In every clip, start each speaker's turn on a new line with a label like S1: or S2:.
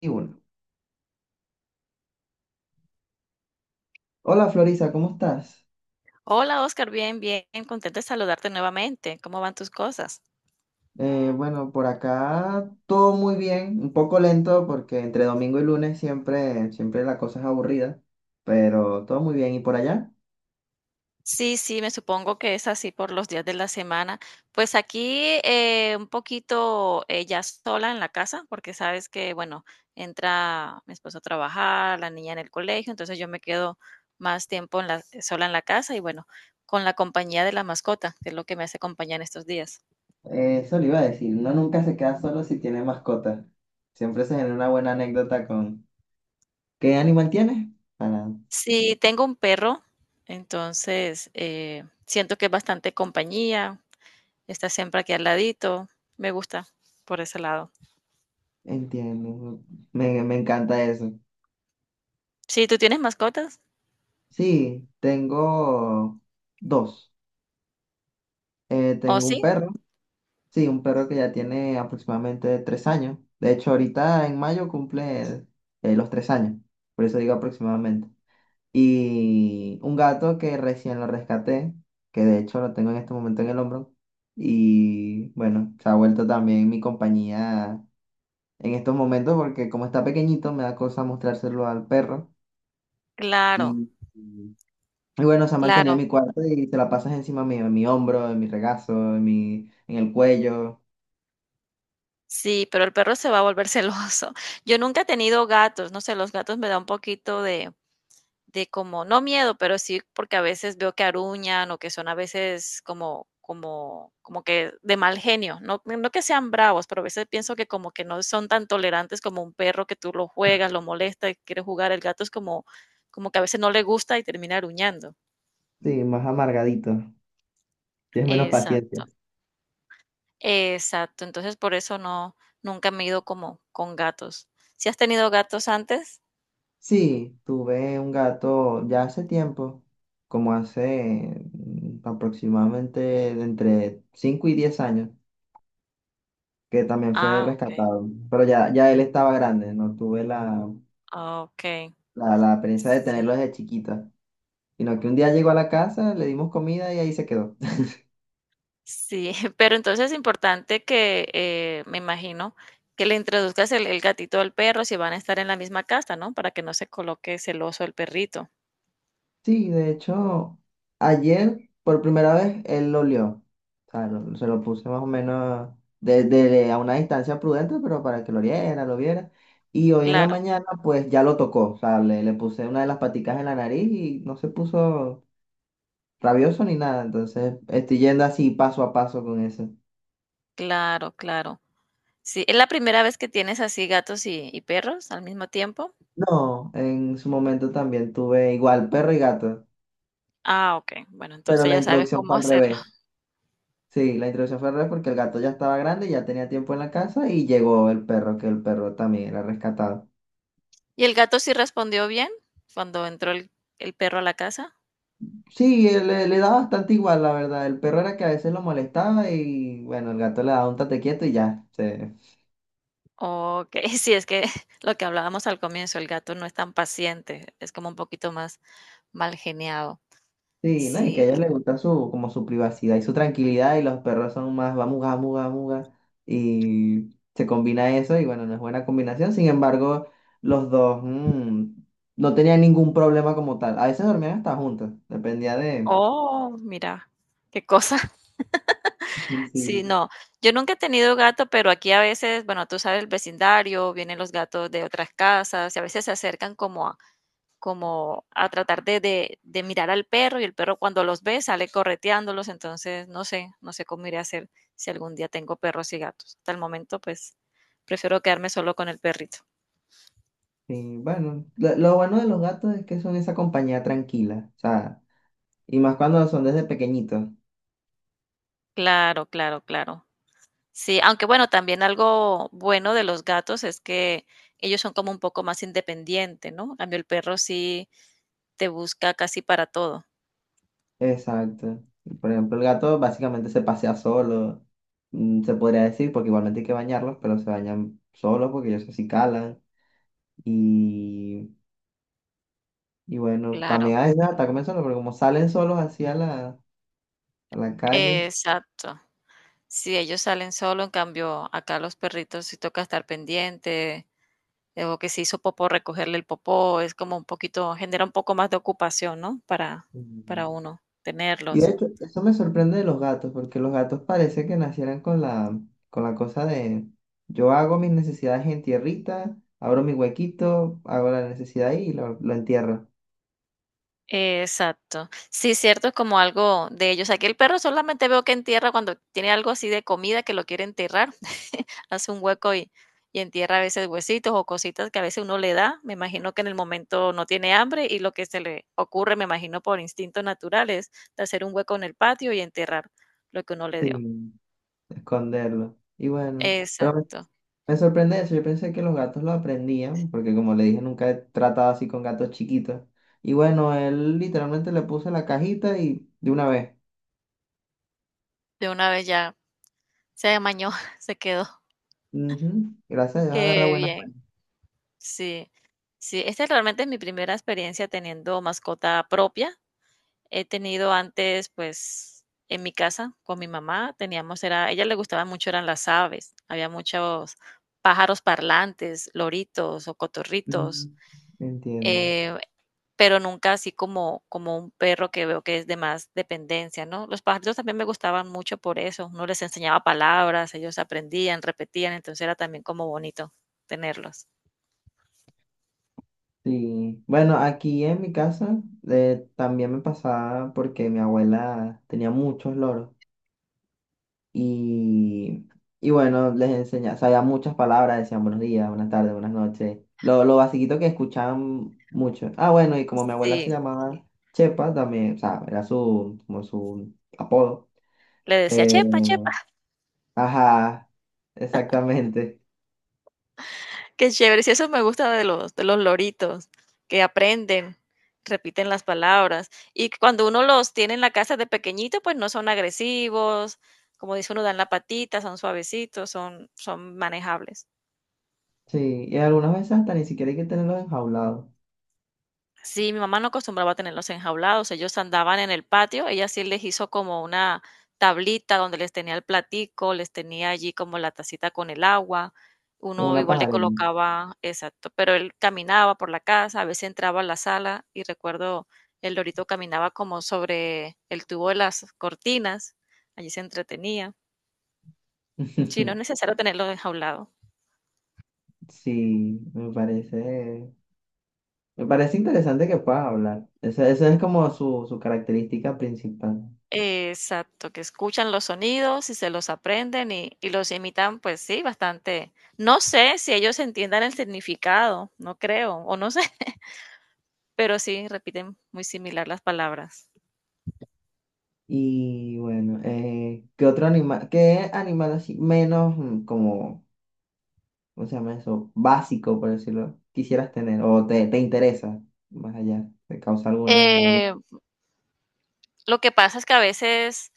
S1: Y uno. Hola Florisa, ¿cómo estás?
S2: Hola Oscar, bien, bien, contenta de saludarte nuevamente. ¿Cómo van tus cosas?
S1: Bueno, por acá todo muy bien, un poco lento porque entre domingo y lunes siempre la cosa es aburrida, pero todo muy bien. ¿Y por allá?
S2: Sí, sí, me supongo que es así por los días de la semana. Pues aquí un poquito, ya sola en la casa, porque sabes que, bueno, entra mi esposo a trabajar, la niña en el colegio, entonces yo me quedo más tiempo en sola en la casa y bueno, con la compañía de la mascota, que es lo que me hace compañía en estos días.
S1: Eso le iba a decir, uno nunca se queda solo si tiene mascota. Siempre se genera una buena anécdota con... ¿Qué animal tienes? Para...
S2: Sí, tengo un perro, entonces siento que es bastante compañía. Está siempre aquí al ladito. Me gusta por ese lado.
S1: Entiendo, me encanta eso.
S2: Sí, ¿tú tienes mascotas?
S1: Sí, tengo dos.
S2: ¿Oh,
S1: Tengo un
S2: sí?
S1: perro. Sí, un perro que ya tiene aproximadamente 3 años. De hecho, ahorita en mayo cumple los 3 años. Por eso digo aproximadamente. Y un gato que recién lo rescaté, que de hecho lo tengo en este momento en el hombro. Y bueno, se ha vuelto también mi compañía en estos momentos porque como está pequeñito, me da cosa mostrárselo al perro.
S2: Claro,
S1: Y bueno, se ha mantenido en
S2: claro.
S1: mi cuarto y se la pasas encima mío, en mi hombro, en mi regazo, en el cuello.
S2: Sí, pero el perro se va a volver celoso. Yo nunca he tenido gatos, no sé, los gatos me da un poquito de como, no miedo, pero sí, porque a veces veo que aruñan o que son a veces como que de mal genio, no, no que sean bravos, pero a veces pienso que como que no son tan tolerantes como un perro que tú lo juegas, lo molesta, quiere jugar, el gato es como como que a veces no le gusta y termina aruñando.
S1: Sí, más amargadito. Tienes menos paciencia.
S2: Exacto, exacto. Entonces, por eso no, nunca me he ido como con gatos. ¿Si has tenido gatos antes?
S1: Sí, tuve un gato ya hace tiempo, como hace aproximadamente de entre 5 y 10 años, que también fue
S2: Ah, okey,
S1: rescatado, pero ya, ya él estaba grande, no tuve
S2: okey.
S1: la experiencia de tenerlo
S2: Sí,
S1: desde chiquita, sino que un día llegó a la casa, le dimos comida y ahí se quedó.
S2: sí, pero entonces es importante que, me imagino, que le introduzcas el gatito al perro si van a estar en la misma casa, ¿no? Para que no se coloque celoso el perrito.
S1: Sí, de hecho, ayer por primera vez él lo olió. O sea, se lo puse más o menos a una distancia prudente, pero para que lo oliera, lo viera. Y hoy en la
S2: Claro,
S1: mañana, pues ya lo tocó. O sea, le puse una de las paticas en la nariz y no se puso rabioso ni nada. Entonces, estoy yendo así paso a paso con eso.
S2: claro, claro. Sí, ¿es la primera vez que tienes así gatos y perros al mismo tiempo?
S1: No, en su momento también tuve igual perro y gato,
S2: Ah, okey. Bueno,
S1: pero
S2: entonces
S1: la
S2: ya sabes
S1: introducción
S2: cómo
S1: fue al
S2: hacerlo.
S1: revés. Sí, la introducción fue al revés porque el gato ya estaba grande, ya tenía tiempo en la casa y llegó el perro, que el perro también era rescatado.
S2: ¿Y el gato sí respondió bien cuando entró el perro a la casa?
S1: Sí, él le da bastante igual, la verdad. El perro era que a veces lo molestaba y bueno, el gato le daba un tate quieto y ya.
S2: Ok, sí, es que lo que hablábamos al comienzo, el gato no es tan paciente, es como un poquito más mal geniado.
S1: Sí, ¿no? Y que a
S2: Sí.
S1: ellos les gusta su, como su privacidad y su tranquilidad y los perros son más vamos, vamos, vamos. Y se combina eso y bueno, no es buena combinación. Sin embargo, los dos no tenían ningún problema como tal. A veces dormían hasta juntos, dependía de...
S2: Oh, mira, qué cosa. Sí,
S1: Sí.
S2: no. Yo nunca he tenido gato, pero aquí a a veces, veces bueno, tú sabes el vecindario, vienen los gatos de otras casas y a veces se acercan como a, como a tratar de mirar al perro, y el perro cuando los ve sale correteándolos, entonces no sé, no sé cómo iré a hacer si algún día tengo perros y gatos. Hasta el momento pues prefiero quedarme solo con el perrito.
S1: Sí, bueno, lo bueno de los gatos es que son esa compañía tranquila, o sea, y más cuando son desde pequeñitos.
S2: Claro, claro, claro. Sí, aunque bueno, también algo bueno de los gatos es que ellos son como un poco más independientes, ¿no? En cambio, el perro sí te busca casi para todo.
S1: Exacto. Por ejemplo, el gato básicamente se pasea solo, se podría decir, porque igualmente hay que bañarlos, pero se bañan solos porque ellos así calan. Y, y bueno,
S2: Claro,
S1: también a veces hasta comen solos, pero como salen solos así a a la calle.
S2: exacto. Si ellos salen solo, en cambio, acá los perritos sí toca estar pendiente, o que se hizo popó, recogerle el popó, es como un poquito, genera un poco más de ocupación, ¿no?
S1: Ujú.
S2: Para uno
S1: Y de
S2: tenerlos.
S1: hecho, eso me sorprende de los gatos, porque los gatos parece que nacieran con con la cosa de yo hago mis necesidades en tierrita, abro mi huequito, hago la necesidad ahí y lo entierro
S2: Exacto. Sí, cierto, es como algo de ellos. Aquí el perro solamente veo que entierra cuando tiene algo así de comida que lo quiere enterrar, hace un hueco y entierra a veces huesitos o cositas que a veces uno le da. Me imagino que en el momento no tiene hambre y lo que se le ocurre, me imagino por instinto natural, es de hacer un hueco en el patio y enterrar lo que uno le dio.
S1: sin esconderlo. Y bueno, pero
S2: Exacto.
S1: me sorprende eso, yo pensé que los gatos lo aprendían, porque como le dije, nunca he tratado así con gatos chiquitos. Y bueno, él literalmente le puse la cajita y de una vez.
S2: De una vez ya se amañó, se quedó.
S1: Ujú, gracias a Dios agarra
S2: Qué
S1: buenas.
S2: bien. Sí, sí, esta realmente es mi primera experiencia teniendo mascota propia. He tenido antes, pues, en mi casa con mi mamá, teníamos, era, a ella le gustaban mucho, eran las aves. Había muchos pájaros parlantes, loritos o cotorritos.
S1: Mm, entiendo.
S2: eh, pero nunca así como, como un perro que veo que es de más dependencia, ¿no? Los pajaritos también me gustaban mucho por eso, uno les enseñaba palabras, ellos aprendían, repetían, entonces era también como bonito tenerlos.
S1: Sí, bueno, aquí en mi casa también me pasaba porque mi abuela tenía muchos loros y, y bueno, les enseñaba, sabía muchas palabras, decían buenos días, buenas tardes, buenas noches, lo basiquito que escuchaban mucho. Ah, bueno, y como mi abuela se
S2: Sí,
S1: llamaba Chepa también, o sea, era su, como su apodo.
S2: le decía,
S1: eh,
S2: chepa, chepa,
S1: ajá, exactamente.
S2: qué chévere, sí, eso me gusta de los loritos, que aprenden, repiten las palabras, y cuando uno los tiene en la casa de pequeñito, pues no son agresivos, como dice uno, dan la patita, son suavecitos, son, son manejables.
S1: Sí, y algunas veces hasta ni siquiera hay que tenerlos enjaulados,
S2: Sí, mi mamá no acostumbraba a tenerlos enjaulados, ellos andaban en el patio, ella sí les hizo como una tablita donde les tenía el platico, les tenía allí como la tacita con el agua,
S1: como
S2: uno
S1: una
S2: igual le
S1: pajarera.
S2: colocaba, exacto, pero él caminaba por la casa, a veces entraba a la sala y recuerdo el lorito caminaba como sobre el tubo de las cortinas, allí se entretenía. Sí, no es necesario tenerlo enjaulado.
S1: Sí, me parece interesante que puedas hablar. Esa es como su característica principal.
S2: Exacto, que escuchan los sonidos y se los aprenden y los imitan, pues sí, bastante. No sé si ellos entiendan el significado, no creo, o no sé, pero sí repiten muy similar las palabras.
S1: Y bueno, ¿qué otro animal, qué animal así menos como, ¿cómo se llama eso? Básico, por decirlo, quisieras tener o te interesa más allá, te causa alguna... algún-
S2: Eh, Lo que pasa es que a veces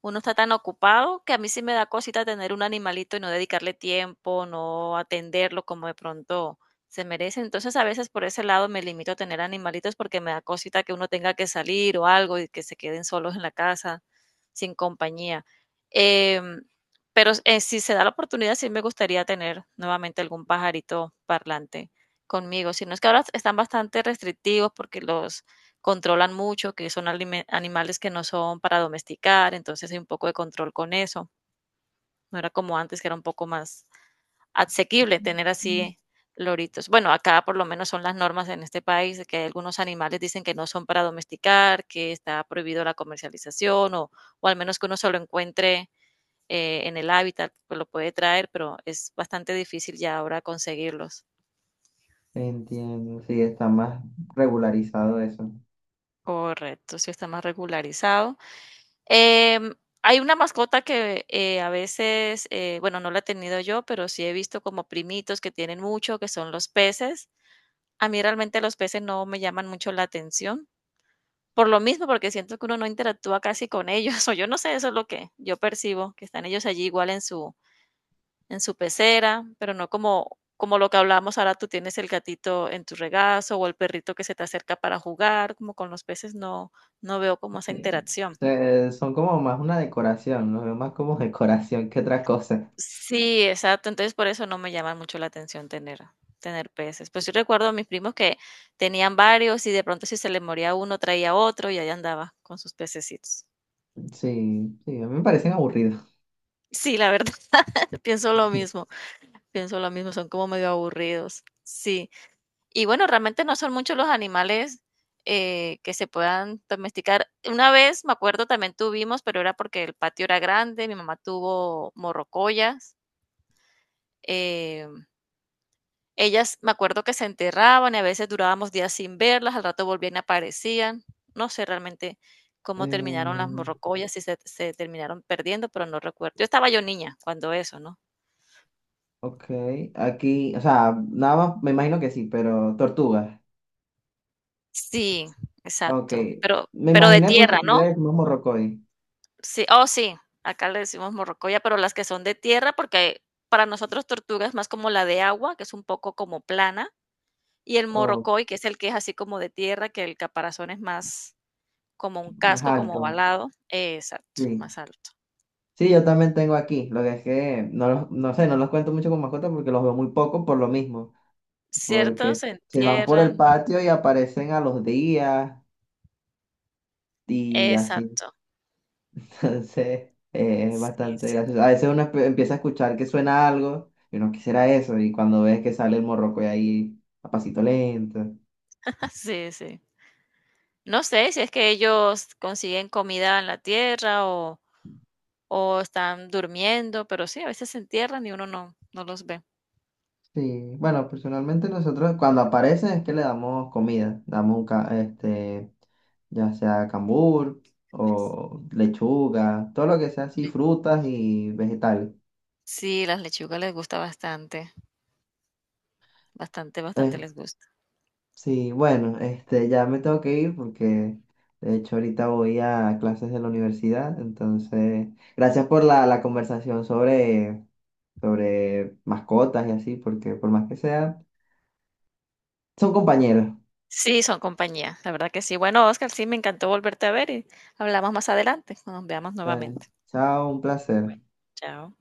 S2: uno está tan ocupado que a mí sí me da cosita tener un animalito y no dedicarle tiempo, no atenderlo como de pronto se merece. Entonces a veces por ese lado me limito a tener animalitos porque me da cosita que uno tenga que salir o algo y que se queden solos en la casa sin compañía. Em, pero, si se da la oportunidad, sí me gustaría tener nuevamente algún pajarito parlante conmigo. Si no es que ahora están bastante restrictivos porque los controlan mucho, que son alime- animales que no son para domesticar, entonces hay un poco de control con eso. No era como antes, que era un poco más asequible tener así loritos. Bueno, acá por lo menos son las normas en este país, de que hay algunos animales dicen que no son para domesticar, que está prohibido la comercialización o al menos que uno se lo encuentre en el hábitat, pues lo puede traer, pero es bastante difícil ya ahora conseguirlos.
S1: Entiendo, sí, está más regularizado eso.
S2: Correcto, sí está más regularizado. Em, Hay una mascota que a veces, bueno, no la he tenido yo, pero sí he visto como primitos que tienen mucho, que son los peces. A mí realmente los peces no me llaman mucho la atención, por lo mismo, porque siento que uno no interactúa casi con ellos, o yo no sé, eso es lo que yo percibo, que están ellos allí igual en su pecera, pero no como, como lo que hablamos ahora, tú tienes el gatito en tu regazo o el perrito que se te acerca para jugar, como con los peces no, no veo como esa
S1: Sí.
S2: interacción.
S1: Son como más una decoración, los veo más como decoración que otra cosa.
S2: Sí, exacto. Entonces, por eso no me llama mucho la atención tener peces. Pues, yo recuerdo a mis primos que tenían varios, y de pronto si se les moría uno, traía otro, y ahí andaba con sus pececitos.
S1: Sí, sí, a mí me parecen aburridos.
S2: Sí, la verdad, pienso lo mismo, pienso lo mismo, son como medio aburridos. Sí. Y bueno, realmente no son muchos los animales, que se puedan domesticar. Una vez, me acuerdo, también tuvimos, pero era porque el patio era grande, mi mamá tuvo morrocollas, eh, ellas, me acuerdo que se enterraban y a veces durábamos días sin verlas, al rato volvían y aparecían. No sé realmente cómo terminaron las
S1: Eh,
S2: morrocoyas, si se terminaron perdiendo, pero no recuerdo. Yo estaba yo niña cuando eso, ¿no?
S1: ok, aquí, o sea, nada más me imagino que sí, pero tortugas.
S2: Sí,
S1: Ok,
S2: exacto, pero
S1: me
S2: de
S1: imaginé por la
S2: tierra,
S1: actividad
S2: ¿no?
S1: del mismo morrocoy,
S2: Sí, oh, sí, acá le decimos morrocoya, pero las que son de tierra, porque para nosotros tortuga es más como la de agua, que es un poco como plana, y el
S1: o
S2: morrocoy, que es el que es así como de tierra, que el caparazón es más como un
S1: más
S2: casco, como
S1: alto,
S2: ovalado, exacto,
S1: sí.
S2: más alto.
S1: Sí, yo también tengo aquí, lo que es que no, no sé, no los cuento mucho con mascotas porque los veo muy poco por lo mismo,
S2: Ciertos
S1: porque
S2: se
S1: se van por el
S2: entierran,
S1: patio y aparecen a los días y así.
S2: exacto,
S1: Entonces, es
S2: sí,
S1: bastante
S2: sí,
S1: gracioso. A veces uno empieza a escuchar que suena algo y uno quisiera eso, y cuando ves que sale el morroco y ahí a pasito lento.
S2: sí, sí. No sé si es que ellos consiguen comida en la tierra o están durmiendo, pero sí, a veces se entierran y uno no los ve.
S1: Sí, bueno, personalmente nosotros cuando aparecen es que le damos comida, damos un este, ya sea cambur o lechuga, todo lo que sea así,
S2: Le
S1: frutas y vegetales.
S2: sí, las lechugas les gusta bastante, bastante, bastante les gusta.
S1: Sí, bueno, este, ya me tengo que ir porque de hecho ahorita voy a clases de la universidad, entonces gracias por la conversación sobre, sobre mascotas y así, porque por más que sea, son compañeros.
S2: Sí, son compañía, la verdad que sí. Bueno, Oscar, sí, me encantó volverte a ver y hablamos más adelante, cuando nos veamos
S1: Dale,
S2: nuevamente.
S1: chao, un placer.
S2: Chao.